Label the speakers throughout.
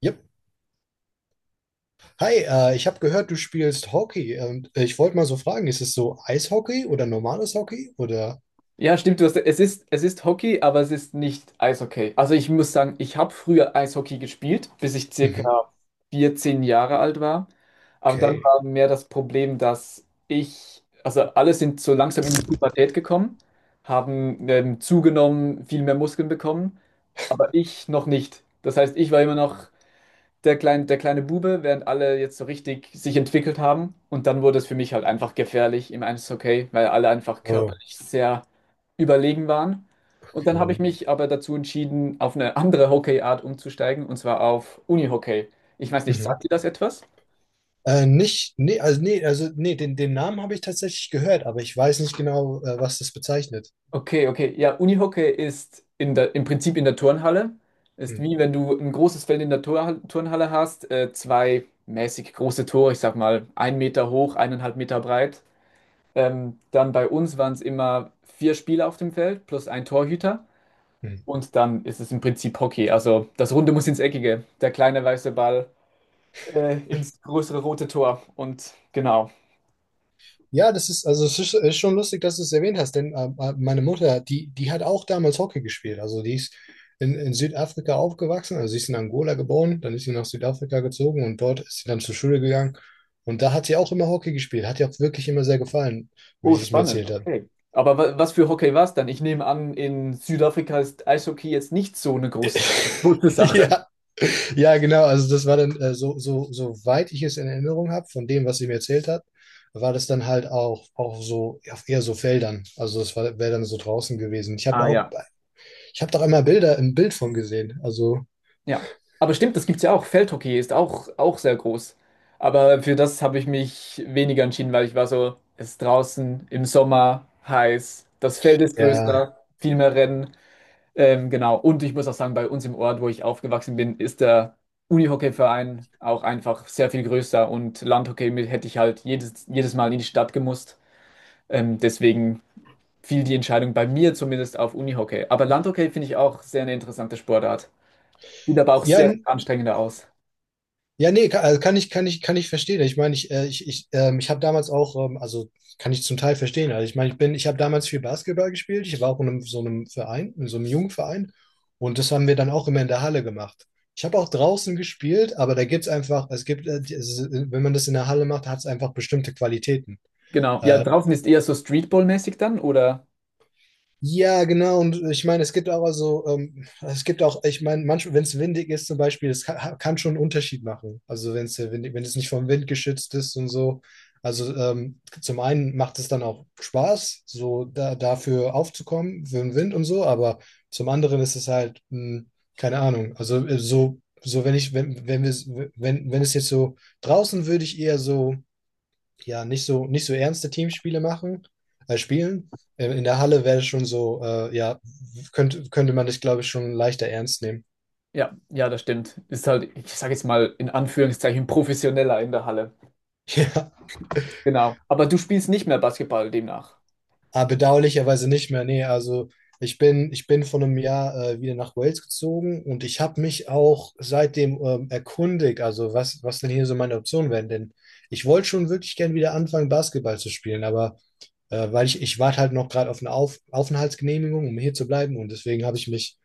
Speaker 1: Yep. Hi, ich habe gehört, du spielst Hockey und ich wollte mal so fragen, ist es so Eishockey oder normales Hockey oder?
Speaker 2: Ja, stimmt, es ist Hockey, aber es ist nicht Eishockey. Also ich muss sagen, ich habe früher Eishockey gespielt, bis ich circa
Speaker 1: Mhm.
Speaker 2: 14 Jahre alt war. Aber dann
Speaker 1: Okay.
Speaker 2: war mehr das Problem, also alle sind so langsam in die Pubertät gekommen, haben zugenommen, viel mehr Muskeln bekommen, aber ich noch nicht. Das heißt, ich war immer noch der kleine Bube, während alle jetzt so richtig sich entwickelt haben. Und dann wurde es für mich halt einfach gefährlich im Eishockey, weil alle einfach
Speaker 1: Okay.
Speaker 2: körperlich sehr überlegen waren. Und dann habe ich mich aber dazu entschieden, auf eine andere Hockeyart umzusteigen, und zwar auf Unihockey. Ich weiß nicht,
Speaker 1: Mhm.
Speaker 2: sagt dir das etwas?
Speaker 1: Nicht, nee, also nee, also nee, den Namen habe ich tatsächlich gehört, aber ich weiß nicht genau, was das bezeichnet.
Speaker 2: Okay, okay. Ja, Unihockey ist im Prinzip in der Turnhalle. Ist wie
Speaker 1: Mhm.
Speaker 2: wenn du ein großes Feld in der Tor Turnhalle hast, zwei mäßig große Tore, ich sag mal ein Meter hoch, eineinhalb Meter breit. Dann bei uns waren es immer vier Spieler auf dem Feld plus ein Torhüter.
Speaker 1: Mhm.
Speaker 2: Und dann ist es im Prinzip Hockey. Also das Runde muss ins Eckige. Der kleine weiße Ball ins größere rote Tor. Und genau.
Speaker 1: Ja, das ist, also es ist schon lustig, dass du es erwähnt hast, denn meine Mutter, die hat auch damals Hockey gespielt. Also die ist in Südafrika aufgewachsen, also sie ist in Angola geboren, dann ist sie nach Südafrika gezogen und dort ist sie dann zur Schule gegangen. Und da hat sie auch immer Hockey gespielt, hat ihr auch wirklich immer sehr gefallen, wie
Speaker 2: Oh,
Speaker 1: sie es mir
Speaker 2: spannend.
Speaker 1: erzählt hat.
Speaker 2: Okay. Aber wa was für Hockey war es dann? Ich nehme an, in Südafrika ist Eishockey jetzt nicht so eine große Sache.
Speaker 1: Ja, ja, genau. Also das war dann, so, soweit ich es in Erinnerung habe, von dem, was sie mir erzählt hat, war das dann halt auch, auch so, ja, eher so Feldern. Also das war, wäre dann so draußen gewesen.
Speaker 2: Ah ja.
Speaker 1: Ich habe doch einmal Bilder im Bild von gesehen. Also,
Speaker 2: Ja, aber stimmt, das gibt's ja auch. Feldhockey ist auch sehr groß. Aber für das habe ich mich weniger entschieden, weil ich war so, es ist draußen im Sommer heiß, das Feld ist
Speaker 1: ja.
Speaker 2: größer, viel mehr Rennen. Genau. Und ich muss auch sagen, bei uns im Ort, wo ich aufgewachsen bin, ist der Unihockeyverein auch einfach sehr viel größer und Landhockey mit- hätte ich halt jedes Mal in die Stadt gemusst. Deswegen fiel die Entscheidung bei mir zumindest auf Unihockey. Aber Landhockey finde ich auch sehr eine interessante Sportart. Sieht aber auch
Speaker 1: Ja,
Speaker 2: sehr
Speaker 1: n-
Speaker 2: anstrengender aus.
Speaker 1: ja, nee, kann, also kann ich verstehen. Ich meine, ich habe damals auch, also kann ich zum Teil verstehen. Also ich meine, ich habe damals viel Basketball gespielt. Ich war auch in einem, so einem Verein, in so einem jungen Verein. Und das haben wir dann auch immer in der Halle gemacht. Ich habe auch draußen gespielt, aber da gibt's einfach, es gibt, die- es, ist- wenn man das in der Halle macht, hat's einfach bestimmte Qualitäten.
Speaker 2: Genau. Ja,
Speaker 1: Äh,
Speaker 2: draußen ist eher so Streetball-mäßig dann, oder?
Speaker 1: Ja, genau. Und ich meine, es gibt auch also, es gibt auch, ich meine, manchmal, wenn es windig ist zum Beispiel, kann schon einen Unterschied machen. Also wenn es windig, wenn es nicht vom Wind geschützt ist und so. Also zum einen macht es dann auch Spaß, so da, dafür aufzukommen, für den Wind und so, aber zum anderen ist es halt, keine Ahnung. Also so, so wenn ich, wenn, wenn wir, wenn, wenn es jetzt so draußen würde ich eher so ja, nicht so ernste Teamspiele machen, spielen. In der Halle wäre es schon so, ja, könnte man das, glaube ich, schon leichter ernst nehmen.
Speaker 2: Ja, das stimmt. Ist halt, ich sage jetzt mal in Anführungszeichen, professioneller in der Halle.
Speaker 1: Ja,
Speaker 2: Genau. Aber du spielst nicht mehr Basketball demnach.
Speaker 1: aber bedauerlicherweise nicht mehr. Nee, also ich bin vor einem Jahr wieder nach Wales gezogen und ich habe mich auch seitdem erkundigt, also was denn hier so meine Optionen wären. Denn ich wollte schon wirklich gern wieder anfangen, Basketball zu spielen, aber weil ich warte halt noch gerade auf eine auf Aufenthaltsgenehmigung, um hier zu bleiben und deswegen habe ich mich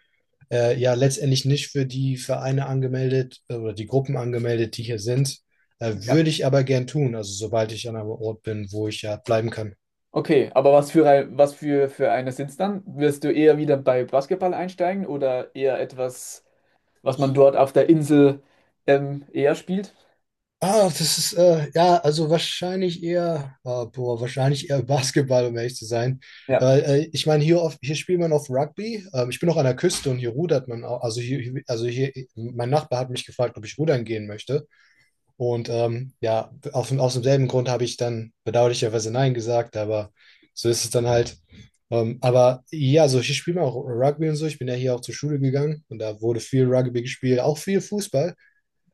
Speaker 1: ja letztendlich nicht für die Vereine angemeldet oder die Gruppen angemeldet, die hier sind.
Speaker 2: Ja.
Speaker 1: Würde ich aber gern tun, also sobald ich an einem Ort bin, wo ich ja bleiben kann.
Speaker 2: Okay, aber für eine sind's dann? Wirst du eher wieder bei Basketball einsteigen oder eher etwas, was man dort auf der Insel eher spielt?
Speaker 1: Ah, das ist, ja, also wahrscheinlich eher, ah, boah, wahrscheinlich eher Basketball, um ehrlich zu sein.
Speaker 2: Ja.
Speaker 1: Ich meine, hier, auf, hier spielt man auf Rugby. Ich bin auch an der Küste und hier rudert man auch. Also hier, hier- also hier, mein Nachbar hat mich gefragt, ob ich rudern gehen möchte. Und ja, auf, aus demselben Grund habe ich dann bedauerlicherweise Nein gesagt, aber so ist es dann halt. Aber ja, so ich spiele auch Rugby und so. Ich bin ja hier auch zur Schule gegangen und da wurde viel Rugby gespielt, auch viel Fußball.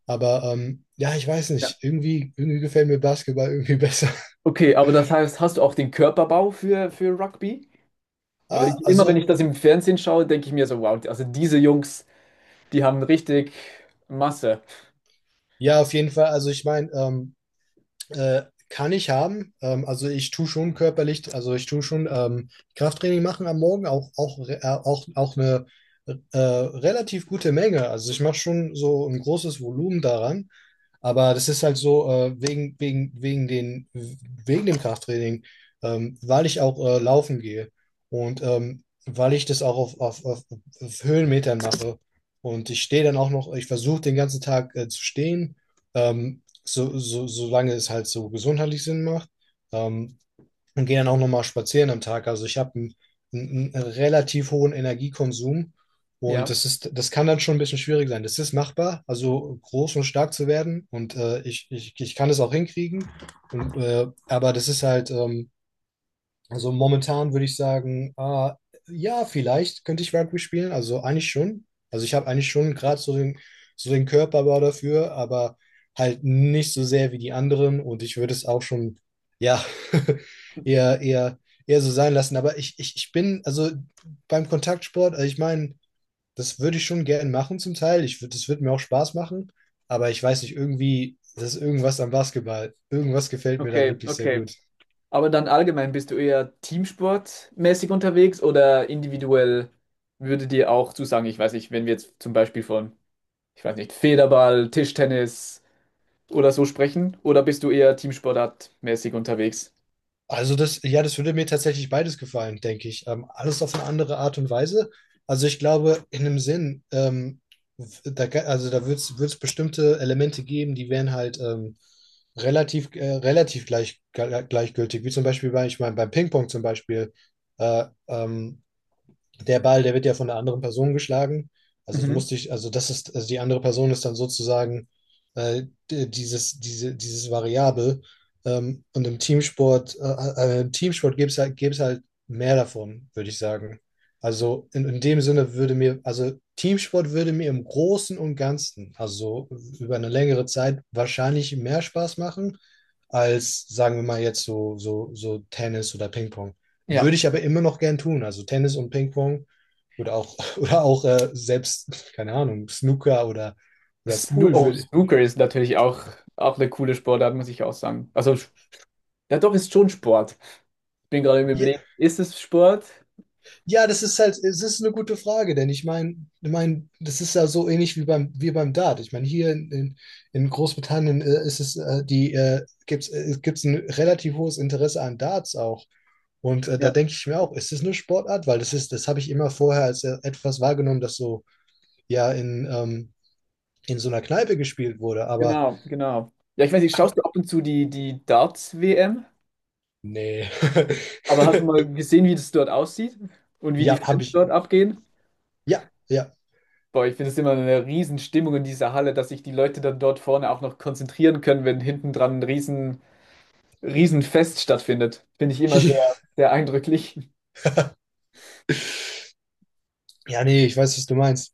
Speaker 1: Aber ja, ich weiß
Speaker 2: Ja.
Speaker 1: nicht, irgendwie, irgendwie gefällt mir Basketball irgendwie besser.
Speaker 2: Okay, aber das heißt, hast du auch den Körperbau für Rugby? Weil
Speaker 1: Ah,
Speaker 2: ich immer, wenn ich
Speaker 1: also
Speaker 2: das im Fernsehen schaue, denke ich mir so, wow, also diese Jungs. Die haben richtig Masse.
Speaker 1: ja, auf jeden Fall. Also ich meine, Äh, kann ich haben. Also ich tue schon körperlich, also ich tue schon Krafttraining machen am Morgen, auch eine relativ gute Menge. Also ich mache schon so ein großes Volumen daran. Aber das ist halt so, wegen dem Krafttraining, weil ich auch laufen gehe und weil ich das auch auf Höhenmetern mache. Und ich stehe dann auch noch, ich versuche den ganzen Tag zu stehen, solange es halt so gesundheitlich Sinn macht. Ähm, und gehe dann auch nochmal spazieren am Tag. Also ich habe einen relativ hohen Energiekonsum und
Speaker 2: Ja,
Speaker 1: das ist, das kann dann schon ein bisschen schwierig sein. Das ist machbar, also groß und stark zu werden und ich kann es auch hinkriegen. Und, aber das ist halt, also momentan würde ich sagen, ah, ja, vielleicht könnte ich Rugby spielen. Also eigentlich schon. Also ich habe eigentlich schon gerade so so den Körperbau dafür, aber halt nicht so sehr wie die anderen. Und ich würde es auch schon, ja, eher, eher, eher so sein lassen. Aber ich bin, also beim Kontaktsport, also ich meine, das würde ich schon gerne machen zum Teil. Ich würde, das würde mir auch Spaß machen. Aber ich weiß nicht, irgendwie, das ist irgendwas am Basketball. Irgendwas gefällt mir da
Speaker 2: okay,
Speaker 1: wirklich sehr
Speaker 2: okay.
Speaker 1: gut.
Speaker 2: Aber dann allgemein bist du eher teamsportmäßig unterwegs oder individuell würde dir auch zusagen, ich weiß nicht, wenn wir jetzt zum Beispiel von, ich weiß nicht, Federball, Tischtennis oder so sprechen, oder bist du eher teamsportartmäßig unterwegs?
Speaker 1: Also das, ja, das würde mir tatsächlich beides gefallen, denke ich. Alles auf eine andere Art und Weise. Also ich glaube, in einem Sinn, da, ga- also da wird es bestimmte Elemente geben, die wären halt relativ gleich, gleichgültig. Wie zum Beispiel bei, ich meine, beim Ping-Pong zum Beispiel. Äh, ähm, Der Ball, der wird ja von der anderen Person geschlagen. Also du
Speaker 2: Mhm.
Speaker 1: musst dich, also das ist, also die andere Person ist dann sozusagen äh, dieses Variable. Und im Teamsport gibt es halt, gäbe es halt mehr davon, würde ich sagen. Also in dem Sinne würde mir, also Teamsport würde mir im Großen und Ganzen, also über eine längere Zeit, wahrscheinlich mehr Spaß machen, als sagen wir mal jetzt so Tennis oder Ping-Pong.
Speaker 2: Ja.
Speaker 1: Würde ich aber immer noch gern tun. Also Tennis und Ping-Pong oder auch, oder auch selbst, keine Ahnung, Snooker oder
Speaker 2: Snoo
Speaker 1: Pool
Speaker 2: oh,
Speaker 1: würde.
Speaker 2: Snooker ist natürlich auch, auch eine coole Sportart, muss ich auch sagen. Also, ja doch, ist schon Sport. Ich bin gerade im
Speaker 1: Ja,
Speaker 2: Überlegen, ist es Sport?
Speaker 1: ja, das ist halt, es ist eine gute Frage, denn ich meine, ich mein, das ist ja so ähnlich wie wie beim Dart. Ich meine, in Großbritannien ist es, die, gibt's, gibt's ein relativ hohes Interesse an Darts auch. Und da denke ich mir auch, ist es eine Sportart? Weil das ist, das habe ich immer vorher als etwas wahrgenommen, das so ja in so einer Kneipe gespielt wurde. Aber
Speaker 2: Genau, genau. Ja, ich weiß nicht, schaust
Speaker 1: ha,
Speaker 2: du ab und zu die Darts-WM?
Speaker 1: nee.
Speaker 2: Aber hast du mal gesehen, wie das dort aussieht und wie die
Speaker 1: Ja, habe
Speaker 2: Fans
Speaker 1: ich.
Speaker 2: dort abgehen?
Speaker 1: Ja, ja.
Speaker 2: Boah, ich finde es immer eine Riesenstimmung in dieser Halle, dass sich die Leute dann dort vorne auch noch konzentrieren können, wenn hinten dran Riesenfest stattfindet. Finde ich immer sehr eindrücklich.
Speaker 1: Ja, nee, ich weiß, was du meinst.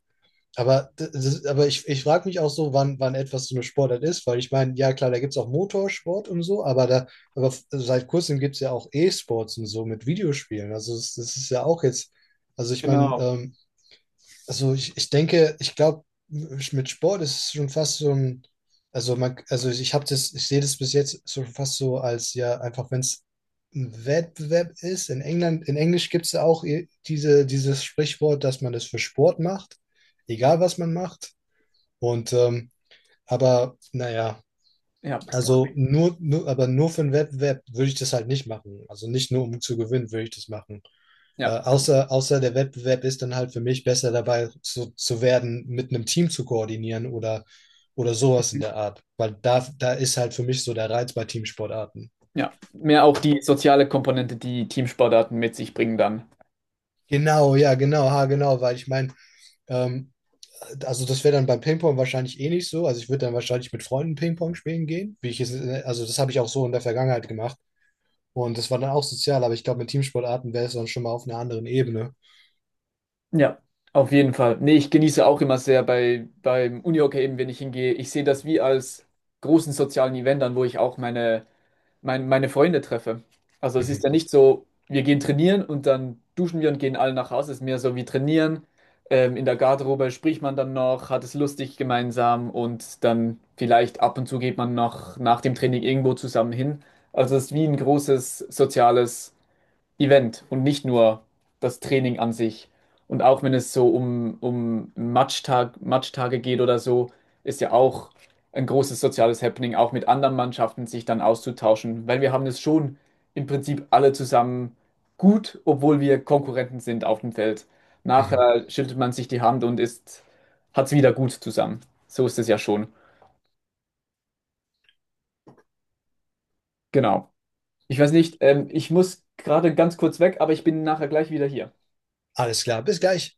Speaker 1: Aber, d- das, aber ich frage mich auch so, wann etwas so eine Sportart ist, weil ich meine, ja klar, da gibt es auch Motorsport und so, aber da, aber f- seit kurzem gibt es ja auch E-Sports und so mit Videospielen. Also das, das ist ja auch jetzt, also ich meine,
Speaker 2: Genau.
Speaker 1: also ich glaube, mit Sport ist es schon fast so ein, also man, also ich habe das, ich sehe das bis jetzt so fast so als ja, einfach wenn es ein Wettbewerb ist. In England, in Englisch gibt es ja auch i- dieses Sprichwort, dass man das für Sport macht, egal was man macht. Und aber naja,
Speaker 2: Ja.
Speaker 1: also aber nur für einen Wettbewerb würde ich das halt nicht machen. Also nicht nur um zu gewinnen, würde ich das machen.
Speaker 2: Ja.
Speaker 1: Außer der Wettbewerb ist dann halt für mich besser dabei zu werden, mit einem Team zu koordinieren oder sowas in der Art. Weil da ist halt für mich so der Reiz bei Teamsportarten.
Speaker 2: Ja. Mehr auch die soziale Komponente, die Teamsportarten mit sich bringen dann.
Speaker 1: Genau, ja, genau, ha, genau, weil ich meine, ähm, also das wäre dann beim Ping-Pong wahrscheinlich eh nicht so. Also ich würde dann wahrscheinlich mit Freunden Ping-Pong spielen gehen, wie ich es, also das habe ich auch so in der Vergangenheit gemacht. Und das war dann auch sozial, aber ich glaube, mit Teamsportarten wäre es dann schon mal auf einer anderen Ebene.
Speaker 2: Ja, auf jeden Fall. Nee, ich genieße auch immer sehr beim Unihockey eben, wenn ich hingehe. Ich sehe das wie als großen sozialen Event an, wo ich auch meine Freunde treffe. Also es ist ja
Speaker 1: Mhm.
Speaker 2: nicht so, wir gehen trainieren und dann duschen wir und gehen alle nach Hause. Es ist mehr so wie trainieren. In der Garderobe spricht man dann noch, hat es lustig gemeinsam und dann vielleicht ab und zu geht man noch nach dem Training irgendwo zusammen hin. Also es ist wie ein großes soziales Event und nicht nur das Training an sich. Und auch wenn es so um Matchtage geht oder so, ist ja auch ein großes soziales Happening, auch mit anderen Mannschaften sich dann auszutauschen, weil wir haben es schon im Prinzip alle zusammen gut, obwohl wir Konkurrenten sind auf dem Feld.
Speaker 1: Mhm.
Speaker 2: Nachher schüttelt man sich die Hand und ist, hat es wieder gut zusammen. So ist es ja schon. Genau. Ich weiß nicht, ich muss gerade ganz kurz weg, aber ich bin nachher gleich wieder hier.
Speaker 1: Alles klar, bis gleich.